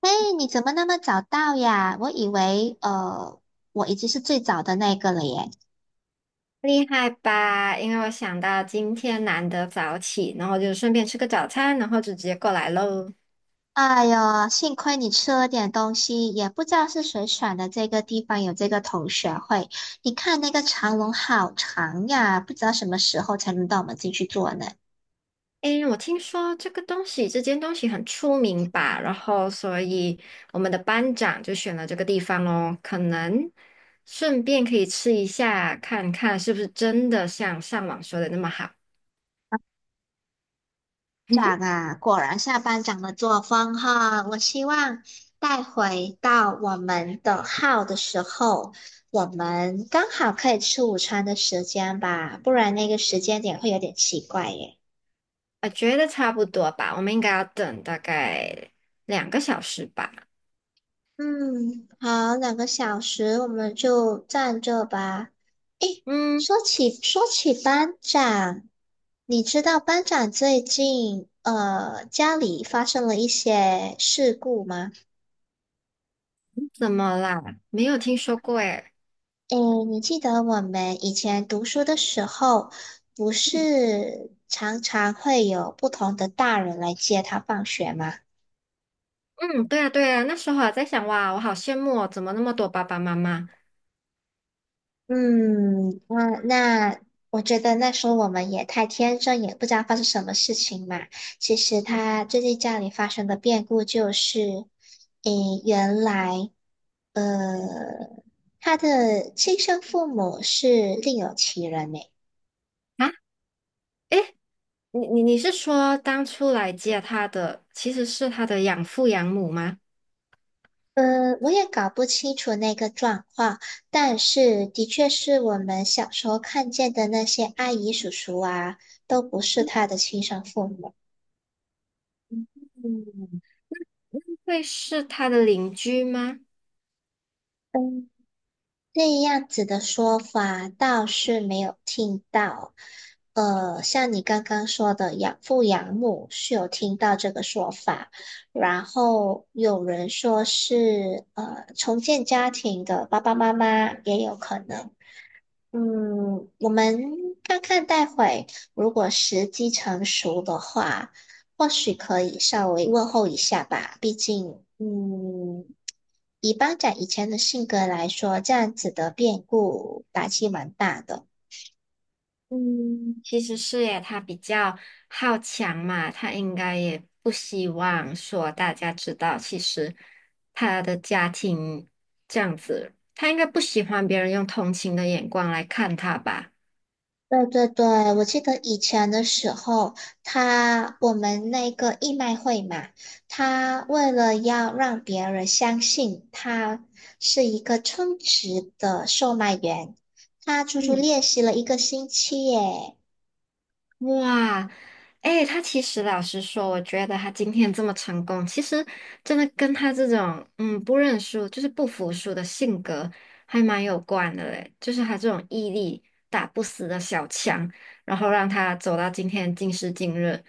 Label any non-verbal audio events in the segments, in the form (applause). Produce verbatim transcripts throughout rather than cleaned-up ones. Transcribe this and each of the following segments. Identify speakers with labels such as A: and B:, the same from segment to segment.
A: 哎，你怎么那么早到呀？我以为呃，我已经是最早的那个了耶。
B: 厉害吧？因为我想到今天难得早起，然后就顺便吃个早餐，然后就直接过来喽。
A: 哎呦，幸亏你吃了点东西，也不知道是谁选的这个地方有这个同学会。你看那个长龙好长呀，不知道什么时候才能到我们进去坐呢。
B: 诶，我听说这个东西，这间东西很出名吧？然后，所以我们的班长就选了这个地方哦，可能顺便可以吃一下，看看是不是真的像上网说的那么好。
A: 长
B: (laughs)
A: 啊，果然下班长的作风哈。我希望带回到我们的号的时候，我们刚好可以吃午餐的时间吧，不然那个时间点会有点奇怪耶。
B: 我觉得差不多吧，我们应该要等大概两个小时吧。
A: 嗯，好，两个小时我们就站这吧。诶，
B: 嗯，
A: 说起说起班长，你知道班长最近呃家里发生了一些事故吗？
B: 怎么啦？没有听说过诶。
A: 诶，你记得我们以前读书的时候，不是常常会有不同的大人来接他放学吗？
B: 嗯，对啊，对啊，那时候还在想，哇，我好羡慕哦，怎么那么多爸爸妈妈？
A: 嗯，那那我觉得那时候我们也太天真，也不知道发生什么事情嘛。其实
B: 嗯
A: 他最近家里发生的变故就是，诶，原来呃，他的亲生父母是另有其人呢。
B: 啊，诶，你你你是说当初来接他的其实是他的养父养母吗？
A: 呃，我也搞不清楚那个状况，但是的确是我们小时候看见的那些阿姨叔叔啊，都不是他的亲生父母。
B: 嗯会是他的邻居吗？
A: 嗯，这样子的说法倒是没有听到。呃，像你刚刚说的养父养母是有听到这个说法，然后有人说是呃重建家庭的爸爸妈妈也有可能。嗯，我们看看待会，如果时机成熟的话，或许可以稍微问候一下吧。毕竟，嗯，以班长以前的性格来说，这样子的变故打击蛮大的。
B: 嗯，其实是耶，他比较好强嘛，他应该也不希望说大家知道，其实他的家庭这样子，他应该不喜欢别人用同情的眼光来看他吧。
A: 对对对，我记得以前的时候，他我们那个义卖会嘛，他为了要让别人相信他是一个称职的售卖员，他足足
B: 嗯。
A: 练习了一个星期耶。
B: 哇，哎，他其实老实说，我觉得他今天这么成功，其实真的跟他这种嗯不认输，就是不服输的性格还蛮有关的嘞。就是他这种毅力、打不死的小强，然后让他走到今天今时今日，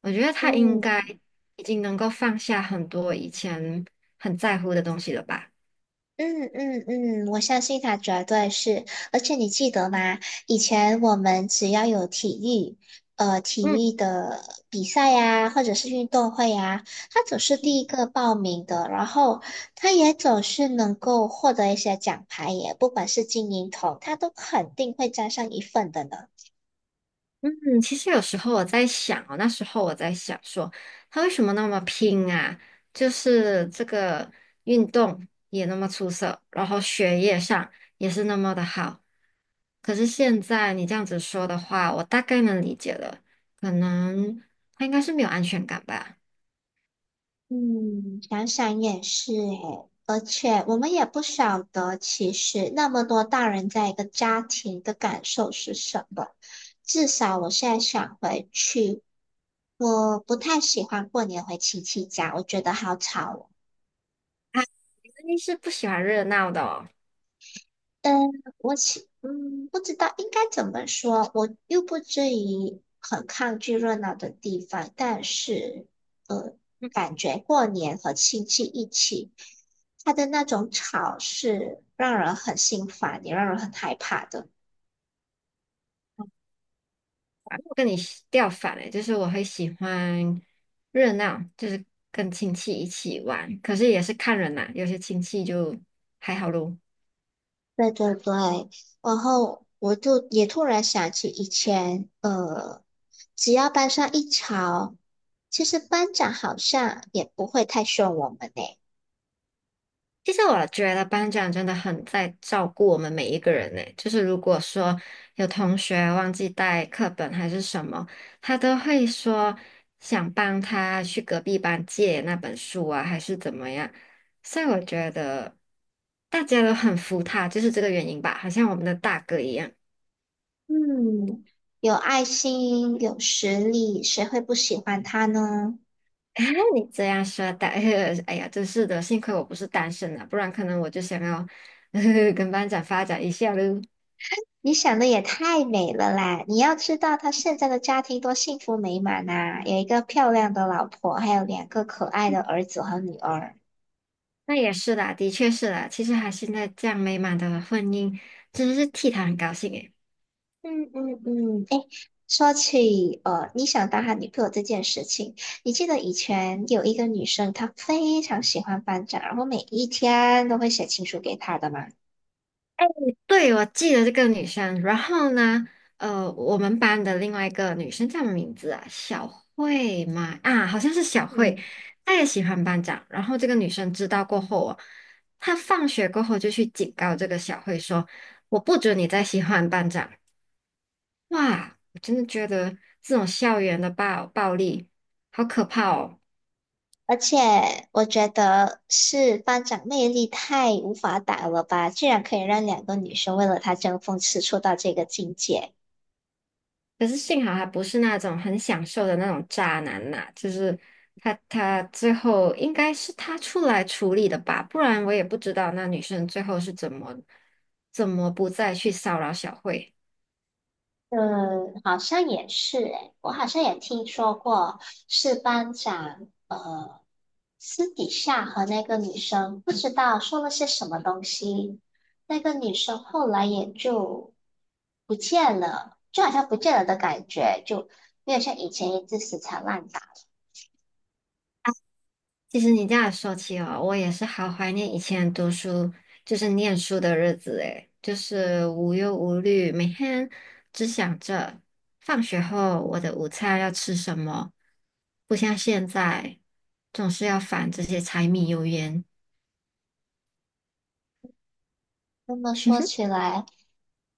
B: 我觉得他应该
A: 嗯
B: 已经能够放下很多以前很在乎的东西了吧。
A: 嗯嗯嗯，我相信他绝对是。而且你记得吗？以前我们只要有体育，呃，体
B: 嗯。
A: 育的比赛呀，或者是运动会呀，他总是第一个报名的，然后他也总是能够获得一些奖牌耶，不管是金银铜，他都肯定会沾上一份的呢。
B: 嗯其实有时候我在想哦，那时候我在想说，他为什么那么拼啊？就是这个运动也那么出色，然后学业上也是那么的好。可是现在你这样子说的话，我大概能理解了，可能他应该是没有安全感吧？
A: 嗯，想想也是诶，而且我们也不晓得，其实那么多大人在一个家庭的感受是什么。至少我现在想回去，我不太喜欢过年回亲戚家，我觉得好吵哦。
B: 啊，肯定是不喜欢热闹的哦。
A: 嗯，我其嗯不知道应该怎么说，我又不至于很抗拒热闹的地方，但是呃，感觉过年和亲戚一起，他的那种吵是让人很心烦，也让人很害怕的。
B: 我跟你喜调反了，就是我会喜欢热闹，就是跟亲戚一起玩，可是也是看人啦，有些亲戚就还好咯。
A: 对对对，然后我就也突然想起以前，呃，只要班上一吵，其实班长好像也不会太凶我们呢。
B: 其实我觉得班长真的很在照顾我们每一个人呢，就是如果说有同学忘记带课本还是什么，他都会说想帮他去隔壁班借那本书啊，还是怎么样。所以我觉得大家都很服他，就是这个原因吧，好像我们的大哥一样。
A: 嗯，有爱心，有实力，谁会不喜欢他呢？
B: 哎，你这样说的，(laughs) 哎呀，真是的，幸亏我不是单身啊，不然可能我就想要 (laughs) 跟班长发展一下喽。
A: 你想的也太美了啦！你要知道，他现在的家庭多幸福美满呐、有一个漂亮的老婆，还有两个可爱的儿子和女儿。
B: 那也是啦，的确是啦，其实还现在这样美满的婚姻，真的是替他很高兴诶。
A: 嗯嗯嗯，诶，说起呃，你想当他女朋友这件事情，你记得以前有一个女生，她非常喜欢班长，然后每一天都会写情书给他的吗？
B: 对，我记得这个女生。然后呢，呃，我们班的另外一个女生叫什么名字啊？小慧嘛，啊，好像是小慧。
A: 嗯。
B: 她也喜欢班长。然后这个女生知道过后哦，她放学过后就去警告这个小慧说：“我不准你再喜欢班长。”哇，我真的觉得这种校园的暴暴力好可怕哦。
A: 而且我觉得是班长魅力太无法挡了吧，居然可以让两个女生为了他争风吃醋到这个境界。
B: 可是幸好他不是那种很享受的那种渣男呐、就是他他最后应该是他出来处理的吧，不然我也不知道那女生最后是怎么怎么不再去骚扰小慧。
A: 嗯，好像也是诶，我好像也听说过，是班长呃私底下和那个女生不知道说了些什么东西，那个女生后来也就不见了，就好像不见了的感觉，就没有像以前一直死缠烂打。
B: 其实你这样说起哦，我也是好怀念以前读书，就是念书的日子诶，就是无忧无虑，每天只想着放学后我的午餐要吃什么，不像现在总是要烦这些柴米油盐。
A: 这么说起来，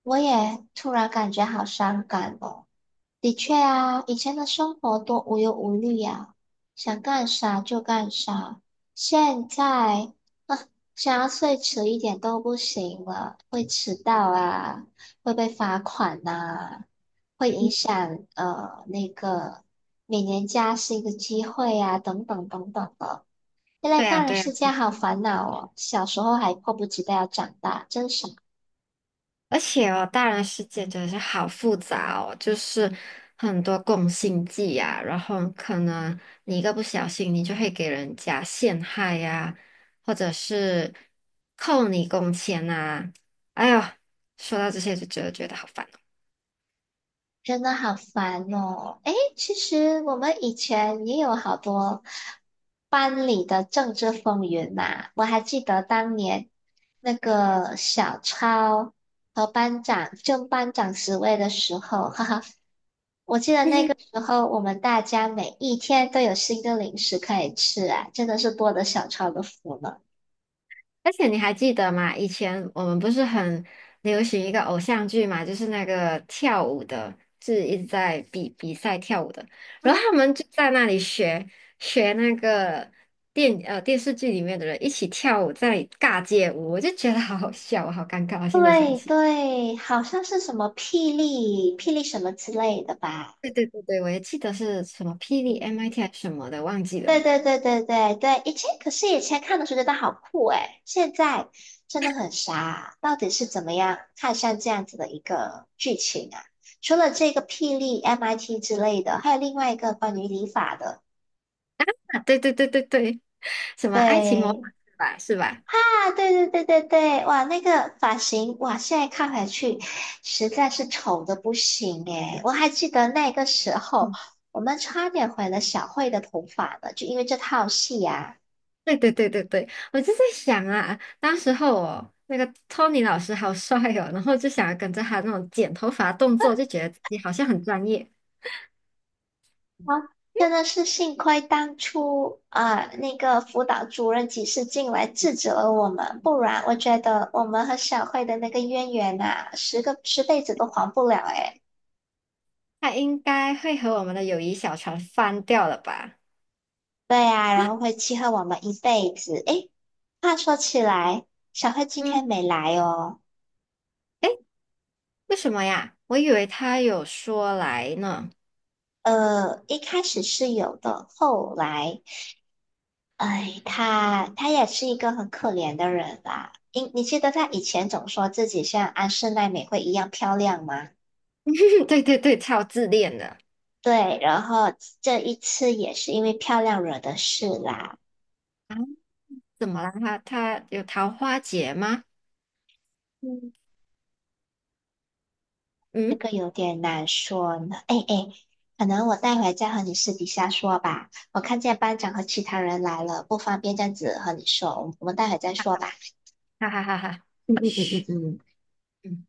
A: 我也突然感觉好伤感哦。的确啊，以前的生活多无忧无虑呀、想干啥就干啥。现在，啊，想要睡迟一点都不行了，会迟到啊，会被罚款呐、会影响呃那个每年加薪的机会呀、等等等等的。现在
B: 对呀，
A: 大人
B: 对呀，
A: 世界好烦恼哦，小时候还迫不及待要长大，真傻。
B: 而且哦，大人世界真的是好复杂哦，就是很多共性剂呀、然后可能你一个不小心，你就会给人家陷害呀、或者是扣你工钱呐、哎呦，说到这些就觉得觉得好烦哦。
A: 真的好烦哦！诶，其实我们以前也有好多班里的政治风云呐、我还记得当年那个小超和班长争班长职位的时候，哈哈，我记得那个
B: (laughs)
A: 时候我们大家每一天都有新的零食可以吃啊，真的是多得小超的福了。
B: 而且你还记得吗？以前我们不是很流行一个偶像剧嘛，就是那个跳舞的，是一直在比比赛跳舞的，然后他们就在那里学学那个电呃电视剧里面的人一起跳舞，在那里尬街舞，我就觉得好好笑，我好尴尬，我现在想
A: 对
B: 起。
A: 对，好像是什么霹雳霹雳什么之类的吧。
B: 对对对对，我也记得是什么霹雳 M I T 还是什么的，忘记
A: 对
B: 了。
A: 对对对对对，以前可是以前看的时候觉得好酷诶，现在真的很傻，到底是怎么样看上这样子的一个剧情啊？除了这个霹雳 M I T 之类的，还有另外一个关于理发的，
B: 啊，对对对对对，什么爱情魔
A: 对
B: 法是吧？是吧？
A: 啊，对对对对对，哇，那个发型哇，现在看回去实在是丑的不行诶，我还记得那个时候我们差点毁了小慧的头发呢，就因为这套戏呀、
B: 对对对对对，我就在想啊，当时候哦，那个托尼老师好帅哦，然后就想要跟着他那种剪头发动作，就觉得自己好像很专业。
A: 啊，真的是幸亏当初啊，那个辅导主任及时进来制止了我们，不然我觉得我们和小慧的那个渊源呐、十个十辈子都还不了诶。
B: 他应该会和我们的友谊小船翻掉了吧？
A: 对呀、然后会记恨我们一辈子。诶，话说起来，小慧今
B: 嗯，
A: 天没来哦。
B: 为什么呀？我以为他有说来呢。
A: 呃，一开始是有的，后来，哎，她她也是一个很可怜的人啦。你你记得她以前总说自己像安室奈美惠一样漂亮吗？
B: (laughs) 对对对，超自恋的
A: 对，然后这一次也是因为漂亮惹的事啦，
B: 啊？怎么了？他他有桃花劫吗？
A: 嗯，这
B: 嗯，
A: 个有点难说呢。哎哎，可能我待会再和你私底下说吧。我看见班长和其他人来了，不方便这样子和你说，我们我们待会再说吧。
B: 哈哈哈哈，
A: 嗯嗯嗯
B: 嘘。
A: 嗯嗯
B: 嗯